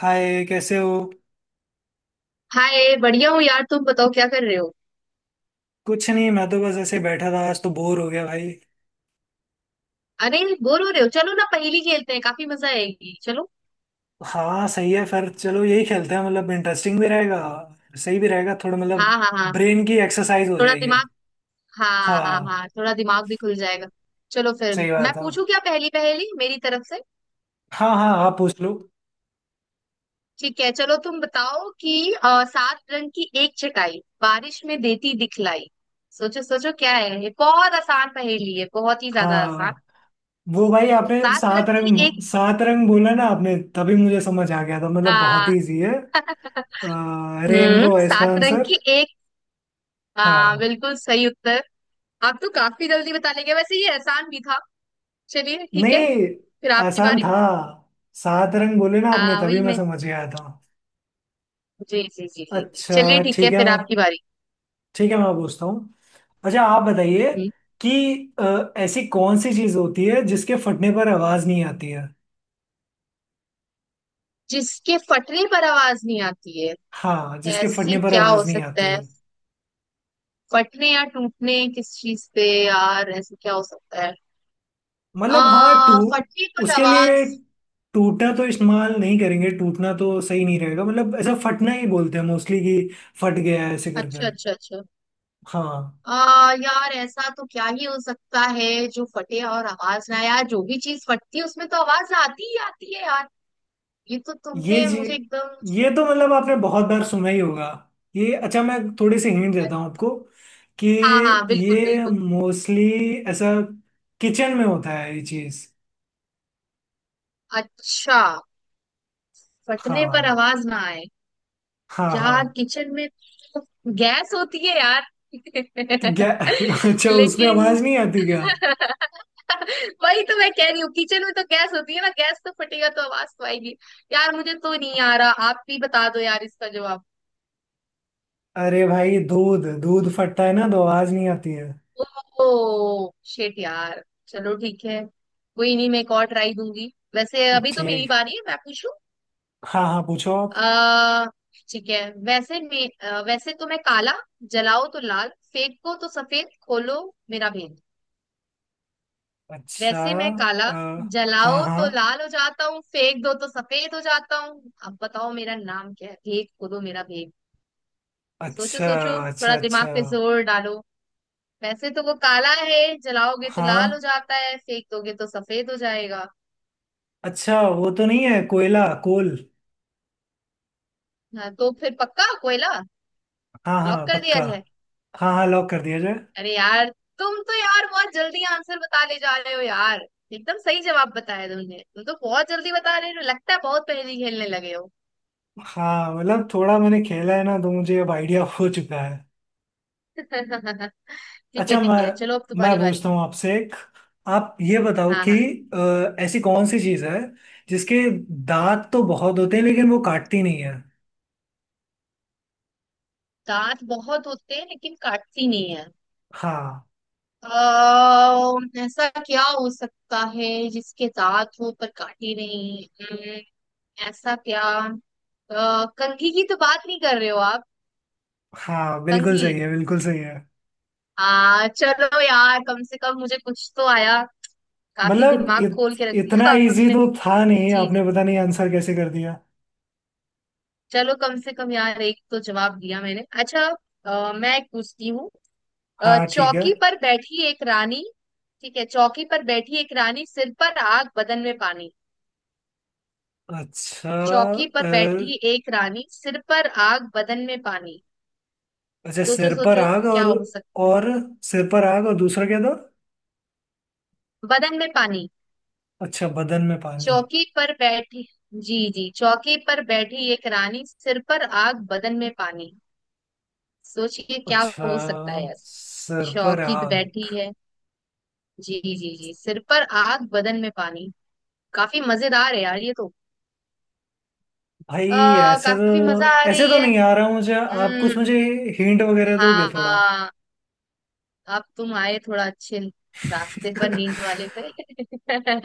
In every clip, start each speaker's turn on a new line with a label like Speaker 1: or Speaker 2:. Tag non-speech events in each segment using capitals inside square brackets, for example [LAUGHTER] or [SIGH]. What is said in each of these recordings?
Speaker 1: हाय, कैसे हो।
Speaker 2: हाय बढ़िया हूँ यार। तुम बताओ क्या कर रहे हो?
Speaker 1: कुछ नहीं, मैं तो बस ऐसे ही बैठा था, आज तो बोर हो गया भाई।
Speaker 2: अरे बोर हो रहे हो? चलो ना, पहेली खेलते हैं, काफी मजा आएगी, चलो।
Speaker 1: हाँ सही है, फिर चलो यही खेलते हैं, मतलब इंटरेस्टिंग भी रहेगा, सही भी रहेगा थोड़ा, मतलब
Speaker 2: हाँ हाँ हाँ,
Speaker 1: ब्रेन की एक्सरसाइज हो
Speaker 2: थोड़ा
Speaker 1: जाएगी।
Speaker 2: दिमाग। हाँ हाँ
Speaker 1: हाँ,
Speaker 2: हाँ, थोड़ा दिमाग भी खुल जाएगा। चलो फिर।
Speaker 1: सही
Speaker 2: मैं
Speaker 1: बात है।
Speaker 2: पूछू क्या पहेली? पहेली मेरी तरफ से।
Speaker 1: हाँ हाँ, आप पूछ लो।
Speaker 2: ठीक है चलो, तुम बताओ कि सात रंग की एक छटाई बारिश में देती दिखलाई। सोचो सोचो क्या है ये, बहुत आसान पहेली है, बहुत ही ज्यादा आसान।
Speaker 1: हाँ, वो भाई, आपने
Speaker 2: सात रंग
Speaker 1: सात
Speaker 2: की
Speaker 1: रंग
Speaker 2: एक।
Speaker 1: सात रंग बोला ना आपने, तभी मुझे समझ आ गया था, मतलब बहुत
Speaker 2: आ,
Speaker 1: ही इजी है। रेनबो है इसका
Speaker 2: सात रंग
Speaker 1: आंसर।
Speaker 2: की एक।
Speaker 1: हाँ।
Speaker 2: बिल्कुल सही उत्तर। आप तो काफी जल्दी बता लेंगे, वैसे ये आसान भी था। चलिए ठीक है,
Speaker 1: नहीं,
Speaker 2: फिर आपकी
Speaker 1: आसान
Speaker 2: बारी।
Speaker 1: था, सात रंग बोले ना आपने,
Speaker 2: हाँ
Speaker 1: तभी
Speaker 2: वही
Speaker 1: मैं
Speaker 2: मैं।
Speaker 1: समझ गया था।
Speaker 2: जी जी जी जी जी। चलिए
Speaker 1: अच्छा
Speaker 2: ठीक है,
Speaker 1: ठीक है।
Speaker 2: फिर आपकी बारी।
Speaker 1: ठीक है, मैं पूछता हूँ। अच्छा आप बताइए
Speaker 2: हम्म।
Speaker 1: कि ऐसी कौन सी चीज होती है जिसके फटने पर आवाज नहीं आती है।
Speaker 2: जिसके फटने पर आवाज नहीं आती है?
Speaker 1: हाँ, जिसके फटने
Speaker 2: ऐसी
Speaker 1: पर
Speaker 2: क्या हो
Speaker 1: आवाज नहीं
Speaker 2: सकता
Speaker 1: आती
Speaker 2: है?
Speaker 1: है।
Speaker 2: फटने या टूटने, किस चीज पे यार, ऐसे क्या हो सकता है? आ
Speaker 1: मतलब हाँ, टू
Speaker 2: फटने पर
Speaker 1: उसके लिए,
Speaker 2: आवाज।
Speaker 1: टूटना तो इस्तेमाल नहीं करेंगे, टूटना तो सही नहीं रहेगा, मतलब ऐसा फटना ही बोलते हैं मोस्टली, कि फट गया है ऐसे करके।
Speaker 2: अच्छा अच्छा अच्छा।
Speaker 1: हाँ।
Speaker 2: आ यार ऐसा तो क्या ही हो सकता है? जो फटे और आवाज ना आए? यार जो भी चीज फटती है उसमें तो आवाज आती ही आती है यार। ये तो
Speaker 1: ये
Speaker 2: तुमने
Speaker 1: जी,
Speaker 2: मुझे एकदम।
Speaker 1: ये तो मतलब आपने बहुत बार सुना ही होगा। ये, अच्छा मैं थोड़ी सी हिंट देता हूँ आपको कि
Speaker 2: हाँ हाँ बिल्कुल
Speaker 1: ये
Speaker 2: बिल्कुल।
Speaker 1: मोस्टली ऐसा किचन में होता है ये चीज
Speaker 2: अच्छा, फटने पर
Speaker 1: हाँ
Speaker 2: आवाज ना आए।
Speaker 1: हाँ
Speaker 2: यार
Speaker 1: हाँ।
Speaker 2: किचन में तो गैस होती है यार
Speaker 1: क्या [LAUGHS]
Speaker 2: [LAUGHS]
Speaker 1: अच्छा उसमें
Speaker 2: लेकिन।
Speaker 1: आवाज नहीं आती क्या।
Speaker 2: वही तो मैं कह रही हूँ, किचन में तो गैस होती है ना, गैस तो फटेगा तो आवाज तो आएगी। यार मुझे तो नहीं आ रहा, आप भी बता दो यार इसका जवाब।
Speaker 1: अरे भाई, दूध दूध फटता है ना तो आवाज नहीं आती है।
Speaker 2: ओ शेट यार, चलो ठीक है। कोई नहीं, मैं एक और ट्राई दूंगी, वैसे अभी तो मेरी
Speaker 1: ठीक।
Speaker 2: बारी है, मैं पूछूं।
Speaker 1: हाँ हाँ, पूछो आप।
Speaker 2: आ, ठीक है। वैसे वैसे तो मैं काला, जलाओ तो लाल, फेंको तो सफेद, खोलो मेरा भेद।
Speaker 1: अच्छा।
Speaker 2: वैसे मैं काला,
Speaker 1: अ,
Speaker 2: जलाओ
Speaker 1: हाँ
Speaker 2: तो
Speaker 1: हाँ।
Speaker 2: लाल हो जाता हूँ, फेंक दो तो सफेद हो जाता हूँ, अब बताओ मेरा नाम क्या है, भेद खोलो मेरा भेद। सोचो
Speaker 1: अच्छा
Speaker 2: सोचो। थोड़ा
Speaker 1: अच्छा अच्छा।
Speaker 2: दिमाग पे जोर डालो। वैसे तो वो काला है, जलाओगे तो
Speaker 1: हाँ।
Speaker 2: लाल हो जाता है, फेंक दोगे तो सफेद हो जाएगा।
Speaker 1: अच्छा, वो तो नहीं है कोयला, कोल।
Speaker 2: हाँ, तो फिर पक्का कोयला।
Speaker 1: हाँ
Speaker 2: लॉक
Speaker 1: हाँ
Speaker 2: कर दिया
Speaker 1: पक्का।
Speaker 2: जाए।
Speaker 1: हाँ हाँ, लॉक कर दिया जाए।
Speaker 2: अरे यार, तुम तो यार बहुत जल्दी आंसर बता ले जा रहे हो यार। एकदम सही जवाब बताया तुमने, तुम तो बहुत जल्दी बता रहे हो, लगता है बहुत पहेली खेलने लगे हो।
Speaker 1: हाँ मतलब थोड़ा मैंने खेला है ना तो मुझे अब आइडिया [LAUGHS] हो चुका है।
Speaker 2: [LAUGHS] ठीक है
Speaker 1: अच्छा,
Speaker 2: ठीक
Speaker 1: मैं
Speaker 2: है, चलो अब
Speaker 1: मैं
Speaker 2: तुम्हारी बारी।
Speaker 1: पूछता हूँ आपसे एक। आप ये बताओ
Speaker 2: हाँ
Speaker 1: कि
Speaker 2: हाँ।
Speaker 1: ऐसी कौन सी चीज़ है जिसके दांत तो बहुत होते हैं लेकिन वो काटती नहीं है।
Speaker 2: दांत बहुत होते हैं लेकिन काटती नहीं है?
Speaker 1: हाँ
Speaker 2: अः ऐसा क्या हो सकता है जिसके दांत हो पर काटे नहीं? ऐसा क्या? कंघी की तो बात नहीं कर रहे हो आप?
Speaker 1: हाँ, बिल्कुल
Speaker 2: कंघी।
Speaker 1: सही है, बिल्कुल सही है।
Speaker 2: आ चलो यार, कम से कम मुझे कुछ तो आया। काफी
Speaker 1: मतलब
Speaker 2: दिमाग खोल के रख
Speaker 1: इतना
Speaker 2: दिया [LAUGHS]
Speaker 1: इजी
Speaker 2: आपने।
Speaker 1: तो था नहीं,
Speaker 2: जी जी।
Speaker 1: आपने पता नहीं आंसर कैसे कर दिया।
Speaker 2: चलो कम से कम यार एक तो जवाब दिया मैंने। अच्छा, मैं एक पूछती हूँ।
Speaker 1: हाँ ठीक है।
Speaker 2: चौकी पर बैठी एक रानी। ठीक है, चौकी पर बैठी एक रानी, सिर पर आग, बदन में पानी।
Speaker 1: अच्छा।
Speaker 2: चौकी पर बैठी एक रानी, सिर पर आग, बदन में पानी।
Speaker 1: अच्छा,
Speaker 2: सोचो
Speaker 1: सिर पर
Speaker 2: सोचो
Speaker 1: आग,
Speaker 2: क्या
Speaker 1: और।
Speaker 2: हो सकता है?
Speaker 1: और सिर पर आग और दूसरा क्या था।
Speaker 2: बदन में पानी।
Speaker 1: अच्छा, बदन में पानी।
Speaker 2: चौकी पर बैठी। जी जी, चौकी पर बैठी एक रानी, सिर पर आग, बदन में पानी। सोचिए क्या
Speaker 1: अच्छा,
Speaker 2: हो सकता है?
Speaker 1: सिर पर
Speaker 2: शौकीत
Speaker 1: आग।
Speaker 2: बैठी है। जी जी जी, सिर पर आग, बदन में पानी। काफी मजेदार है यार ये तो।
Speaker 1: भाई, ऐसे तो
Speaker 2: काफी मजा आ
Speaker 1: ऐसे
Speaker 2: रही
Speaker 1: तो
Speaker 2: है।
Speaker 1: नहीं आ रहा मुझे, आप
Speaker 2: हम्म।
Speaker 1: कुछ मुझे हिंट वगैरह दोगे थोड़ा।
Speaker 2: हाँ, अब तुम आए थोड़ा अच्छे रास्ते पर, नींद
Speaker 1: [LAUGHS]
Speaker 2: वाले पे [LAUGHS]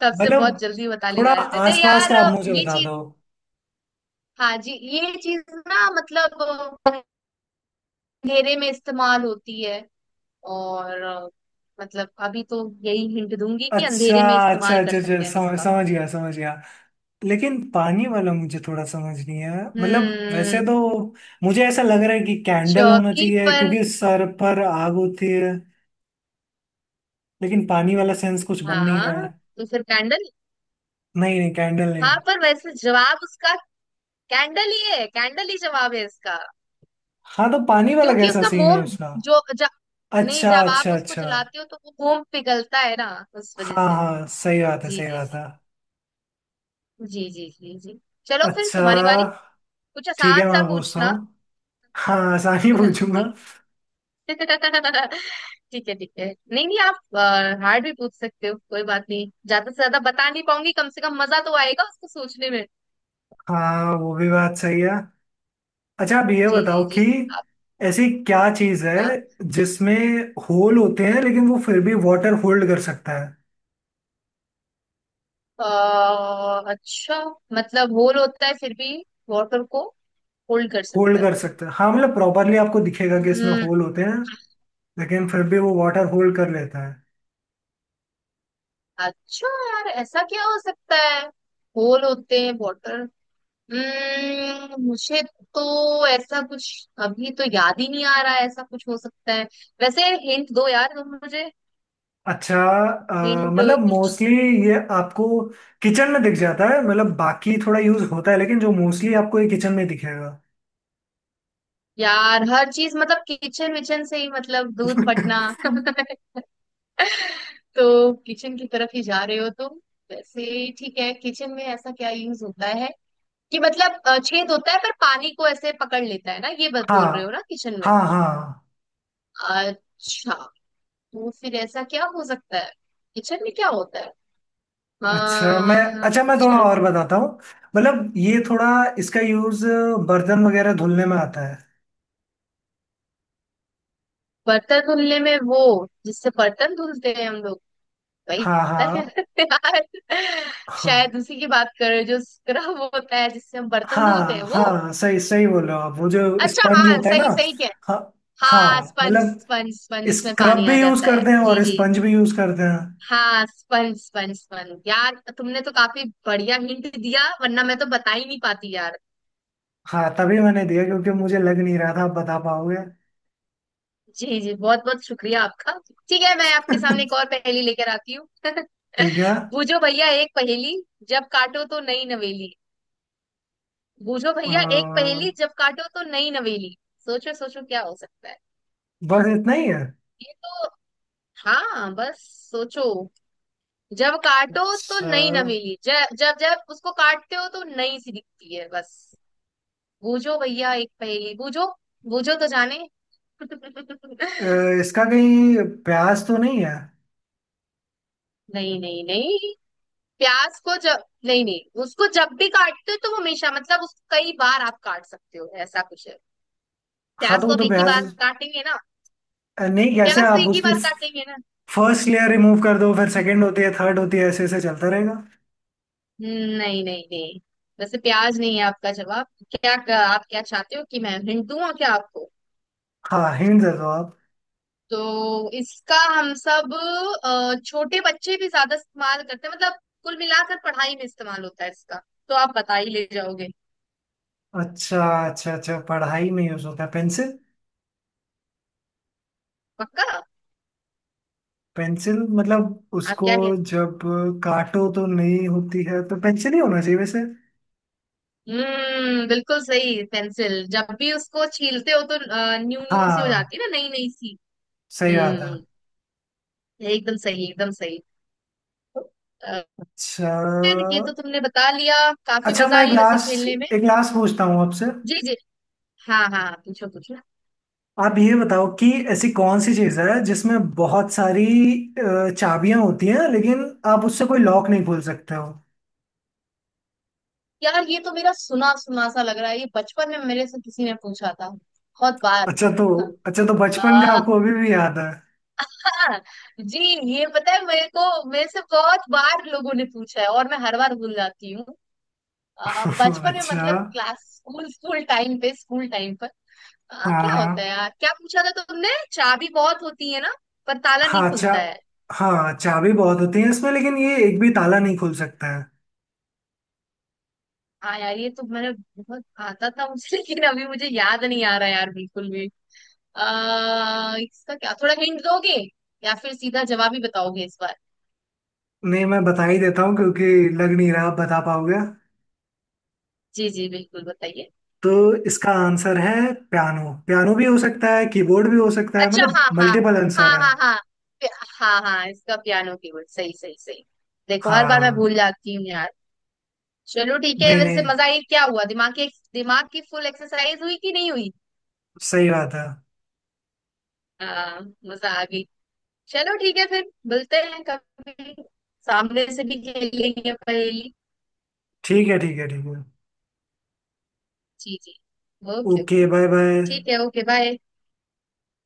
Speaker 2: तब से
Speaker 1: मतलब
Speaker 2: बहुत जल्दी बता ले
Speaker 1: थोड़ा
Speaker 2: जा रहे थे
Speaker 1: आसपास का
Speaker 2: यार।
Speaker 1: आप मुझे
Speaker 2: ये
Speaker 1: बता
Speaker 2: चीज,
Speaker 1: दो।
Speaker 2: हाँ जी ये चीज ना, मतलब अंधेरे में इस्तेमाल होती है। और, मतलब अभी तो यही हिंट दूंगी कि
Speaker 1: अच्छा।
Speaker 2: अंधेरे में
Speaker 1: अच्छा
Speaker 2: इस्तेमाल कर
Speaker 1: अच्छा, अच्छा
Speaker 2: सकते हैं हम
Speaker 1: समझ
Speaker 2: इसका।
Speaker 1: समझ गया, समझ गया। लेकिन पानी वाला मुझे थोड़ा समझ नहीं है मतलब, वैसे
Speaker 2: हम्म
Speaker 1: तो मुझे ऐसा लग रहा है कि कैंडल होना
Speaker 2: चौकी
Speaker 1: चाहिए
Speaker 2: पर।
Speaker 1: क्योंकि सर पर आग होती है, लेकिन पानी वाला सेंस कुछ बन नहीं रहा
Speaker 2: हाँ
Speaker 1: है।
Speaker 2: तो फिर कैंडल।
Speaker 1: नहीं नहीं, कैंडल नहीं।
Speaker 2: हाँ पर वैसे जवाब उसका कैंडल ही है, कैंडल ही जवाब है इसका।
Speaker 1: हाँ, तो पानी वाला
Speaker 2: क्योंकि
Speaker 1: कैसा
Speaker 2: उसका
Speaker 1: सीन है
Speaker 2: मोम,
Speaker 1: उसका।
Speaker 2: जो ज, नहीं
Speaker 1: अच्छा
Speaker 2: जब आप
Speaker 1: अच्छा
Speaker 2: उसको
Speaker 1: अच्छा।
Speaker 2: जलाते हो तो वो मोम पिघलता है ना, उस वजह
Speaker 1: हाँ
Speaker 2: से।
Speaker 1: हाँ सही बात है,
Speaker 2: जी
Speaker 1: सही
Speaker 2: जी
Speaker 1: बात है।
Speaker 2: जी जी जी जी जी। चलो फिर
Speaker 1: अच्छा।
Speaker 2: तुम्हारी बारी। कुछ
Speaker 1: ठीक
Speaker 2: आसान
Speaker 1: है,
Speaker 2: सा
Speaker 1: मैं पूछता
Speaker 2: पूछना।
Speaker 1: हूँ। हाँ आसानी
Speaker 2: हाँ,
Speaker 1: पूछूंगा।
Speaker 2: जी। [LAUGHS] ठीक है ठीक है। नहीं नहीं, आप हार्ड भी पूछ सकते हो, कोई बात नहीं, ज्यादा से ज्यादा बता नहीं पाऊंगी, कम से कम मजा तो आएगा उसको सोचने में।
Speaker 1: हाँ, वो भी बात सही है। अच्छा आप ये
Speaker 2: जी
Speaker 1: बताओ
Speaker 2: जी
Speaker 1: कि
Speaker 2: जी। आप।
Speaker 1: ऐसी क्या चीज है
Speaker 2: हाँ।
Speaker 1: जिसमें होल होते हैं लेकिन वो फिर भी वाटर होल्ड कर सकता है।
Speaker 2: अ, अच्छा। मतलब होल होता है, फिर भी वाटर को होल्ड कर सकता
Speaker 1: होल्ड
Speaker 2: है?
Speaker 1: कर सकता है, हाँ, मतलब प्रॉपरली आपको दिखेगा कि इसमें
Speaker 2: हम्म
Speaker 1: होल होते हैं, लेकिन फिर भी वो वाटर होल्ड कर लेता है।
Speaker 2: अच्छा यार, ऐसा क्या हो सकता है? होल होते हैं वाटर। मुझे तो ऐसा कुछ अभी तो याद ही नहीं आ रहा है, ऐसा कुछ हो सकता है वैसे। हिंट दो यार तुम मुझे,
Speaker 1: अच्छा,
Speaker 2: हिंट
Speaker 1: मतलब
Speaker 2: कुछ।
Speaker 1: मोस्टली ये आपको किचन में दिख जाता है, मतलब बाकी थोड़ा यूज होता है लेकिन जो मोस्टली आपको ये किचन में दिखेगा।
Speaker 2: यार हर चीज मतलब किचन विचन से ही मतलब, दूध फटना
Speaker 1: [LAUGHS]
Speaker 2: [LAUGHS] तो किचन की तरफ ही जा रहे हो तुम। वैसे ठीक है, किचन में ऐसा क्या यूज होता है, कि मतलब छेद होता है पर पानी को ऐसे पकड़ लेता है ना, ये बात बोल रहे हो
Speaker 1: हाँ
Speaker 2: ना, किचन में?
Speaker 1: हाँ हाँ।
Speaker 2: अच्छा, तो फिर ऐसा क्या हो सकता है? किचन में क्या होता है? अ,
Speaker 1: अच्छा मैं, अच्छा मैं थोड़ा
Speaker 2: अच्छा,
Speaker 1: और बताता हूँ। मतलब ये थोड़ा, इसका यूज बर्तन वगैरह धुलने में आता है।
Speaker 2: बर्तन धुलने में वो? जिससे बर्तन धुलते हैं हम लोग, वही
Speaker 1: हाँ
Speaker 2: होता है
Speaker 1: हाँ।
Speaker 2: [LAUGHS] यार।
Speaker 1: हाँ
Speaker 2: शायद उसी की बात कर रहे हो, जो स्क्रब होता है जिससे हम बर्तन धुलते हैं
Speaker 1: हाँ
Speaker 2: वो।
Speaker 1: हाँ, सही सही बोल रहे हो आप, वो जो
Speaker 2: अच्छा
Speaker 1: स्पंज
Speaker 2: हाँ
Speaker 1: होता है ना।
Speaker 2: सही सही।
Speaker 1: हाँ
Speaker 2: हाँ
Speaker 1: हाँ,
Speaker 2: स्पंज
Speaker 1: मतलब
Speaker 2: स्पंज स्पंज, उसमें
Speaker 1: स्क्रब
Speaker 2: पानी आ
Speaker 1: भी यूज
Speaker 2: जाता है,
Speaker 1: करते हैं
Speaker 2: जी
Speaker 1: और
Speaker 2: जी।
Speaker 1: स्पंज भी यूज करते हैं।
Speaker 2: हाँ स्पंज स्पंज स्पंज, यार तुमने तो काफी बढ़िया हिंट दिया, वरना मैं तो बता ही नहीं पाती यार।
Speaker 1: हाँ, तभी मैंने दिया क्योंकि मुझे लग नहीं रहा था आप बता पाओगे।
Speaker 2: जी जी, बहुत बहुत शुक्रिया आपका। ठीक है, मैं आपके सामने एक और पहेली लेकर आती हूँ। [LAUGHS]
Speaker 1: ठीक है।
Speaker 2: बूझो भैया एक पहेली, जब काटो तो नई नवेली। बूझो भैया एक
Speaker 1: अ,
Speaker 2: पहेली, जब काटो तो नई नवेली। सोचो सोचो क्या हो सकता है?
Speaker 1: बस इतना ही है।
Speaker 2: ये तो हाँ बस, सोचो। जब काटो तो
Speaker 1: अच्छा,
Speaker 2: नई नवेली, जब जब जब उसको काटते हो तो नई सी दिखती है, बस। बूझो भैया एक पहेली, बूझो, बूझो तो जाने। [LAUGHS]
Speaker 1: अ, इसका कहीं प्याज तो नहीं है।
Speaker 2: नहीं नहीं नहीं, प्याज को जब, नहीं नहीं उसको जब भी काटते हो तो वो हमेशा मतलब, उसको कई बार आप काट सकते हो, ऐसा कुछ है।
Speaker 1: हाँ,
Speaker 2: प्याज
Speaker 1: तो
Speaker 2: को
Speaker 1: वो
Speaker 2: अब
Speaker 1: तो
Speaker 2: एक ही
Speaker 1: प्याज,
Speaker 2: बार काटेंगे ना।
Speaker 1: नहीं, कैसे
Speaker 2: प्याज तो
Speaker 1: आप
Speaker 2: एक ही
Speaker 1: उसकी
Speaker 2: बार काटेंगे ना।
Speaker 1: फर्स्ट लेयर रिमूव कर दो, फिर सेकंड होती है, थर्ड होती है, ऐसे ऐसे चलता रहेगा।
Speaker 2: नहीं नहीं नहीं, वैसे प्याज नहीं है आपका जवाब। क्या? आप क्या चाहते हो कि मैं हिंट दूं? और क्या आपको?
Speaker 1: हाँ, हिंट दे दो आप।
Speaker 2: तो इसका हम सब, छोटे बच्चे भी ज्यादा इस्तेमाल करते हैं, मतलब कुल मिलाकर पढ़ाई में इस्तेमाल होता है इसका, तो आप बता ही ले जाओगे।
Speaker 1: अच्छा। अच्छा अच्छा, पढ़ाई में यूज होता है, पेंसिल।
Speaker 2: पक्का।
Speaker 1: पेंसिल, मतलब
Speaker 2: आप
Speaker 1: उसको
Speaker 2: क्या कहते।
Speaker 1: जब काटो तो नहीं होती है, तो पेंसिल ही होना चाहिए वैसे।
Speaker 2: बिल्कुल सही पेंसिल, जब भी उसको छीलते हो तो न्यू न्यू सी हो
Speaker 1: हाँ,
Speaker 2: जाती है ना, नई नई सी।
Speaker 1: सही बात है।
Speaker 2: हम्म एकदम सही, एकदम सही। अ,
Speaker 1: अच्छा।
Speaker 2: ये तो तुमने बता लिया। काफी
Speaker 1: अच्छा
Speaker 2: मजा
Speaker 1: मैं एक
Speaker 2: आई वैसे खेलने में।
Speaker 1: लास्ट, एक लास्ट पूछता हूँ आपसे।
Speaker 2: जी जी। हाँ हाँ हाँ, पूछो पूछो।
Speaker 1: आप ये बताओ कि ऐसी कौन सी चीज़ है जिसमें बहुत सारी चाबियां होती हैं, लेकिन आप उससे कोई लॉक नहीं खोल सकते हो।
Speaker 2: यार ये तो मेरा सुना सुना सा लग रहा है, ये बचपन में मेरे से किसी ने पूछा था बहुत बार।
Speaker 1: अच्छा तो, अच्छा तो बचपन का
Speaker 2: आ,
Speaker 1: आपको अभी भी याद है।
Speaker 2: जी, ये पता है मेरे को, मेरे से बहुत बार लोगों ने पूछा है और मैं हर बार भूल जाती हूँ।
Speaker 1: [LAUGHS]
Speaker 2: बचपन में मतलब
Speaker 1: अच्छा।
Speaker 2: क्लास, स्कूल स्कूल टाइम पे, स्कूल टाइम पर।
Speaker 1: हाँ
Speaker 2: क्या होता है
Speaker 1: हाँ।
Speaker 2: यार, क्या पूछा था तुमने, चाबी बहुत होती है ना पर ताला नहीं
Speaker 1: हाँ चा
Speaker 2: खुलता है?
Speaker 1: हाँ चाबी बहुत होती है इसमें लेकिन ये एक भी ताला नहीं खोल सकता है।
Speaker 2: हाँ यार ये तो मैंने बहुत आता था मुझे, लेकिन अभी मुझे याद नहीं आ रहा यार बिल्कुल भी। इसका क्या थोड़ा हिंट दोगे, या फिर सीधा जवाब ही बताओगे इस बार?
Speaker 1: नहीं, मैं बता ही देता हूँ क्योंकि लग नहीं रहा आप बता पाओगे।
Speaker 2: जी जी बिल्कुल बताइए।
Speaker 1: तो इसका आंसर है पियानो, पियानो भी हो सकता है, कीबोर्ड भी हो सकता है,
Speaker 2: अच्छा
Speaker 1: मतलब
Speaker 2: हाँ हाँ।
Speaker 1: मल्टीपल
Speaker 2: हाँ
Speaker 1: आंसर है।
Speaker 2: हाँ हाँ। पि- हाँ हाँ, इसका पियानो कीबोर्ड, सही सही सही। देखो हर बार मैं
Speaker 1: हाँ।
Speaker 2: भूल जाती हूँ यार। चलो ठीक है,
Speaker 1: नहीं
Speaker 2: वैसे
Speaker 1: नहीं।
Speaker 2: मजा आई क्या, हुआ दिमाग की, दिमाग की फुल एक्सरसाइज हुई कि नहीं हुई?
Speaker 1: सही बात है।
Speaker 2: हाँ, मजा आ गई। चलो ठीक है, फिर मिलते हैं कभी, सामने से भी खेलेंगे पहेली।
Speaker 1: ठीक है ठीक है ठीक है।
Speaker 2: जी जी okay
Speaker 1: okay,
Speaker 2: okay.
Speaker 1: Bye bye.
Speaker 2: ठीक है ओके बाय।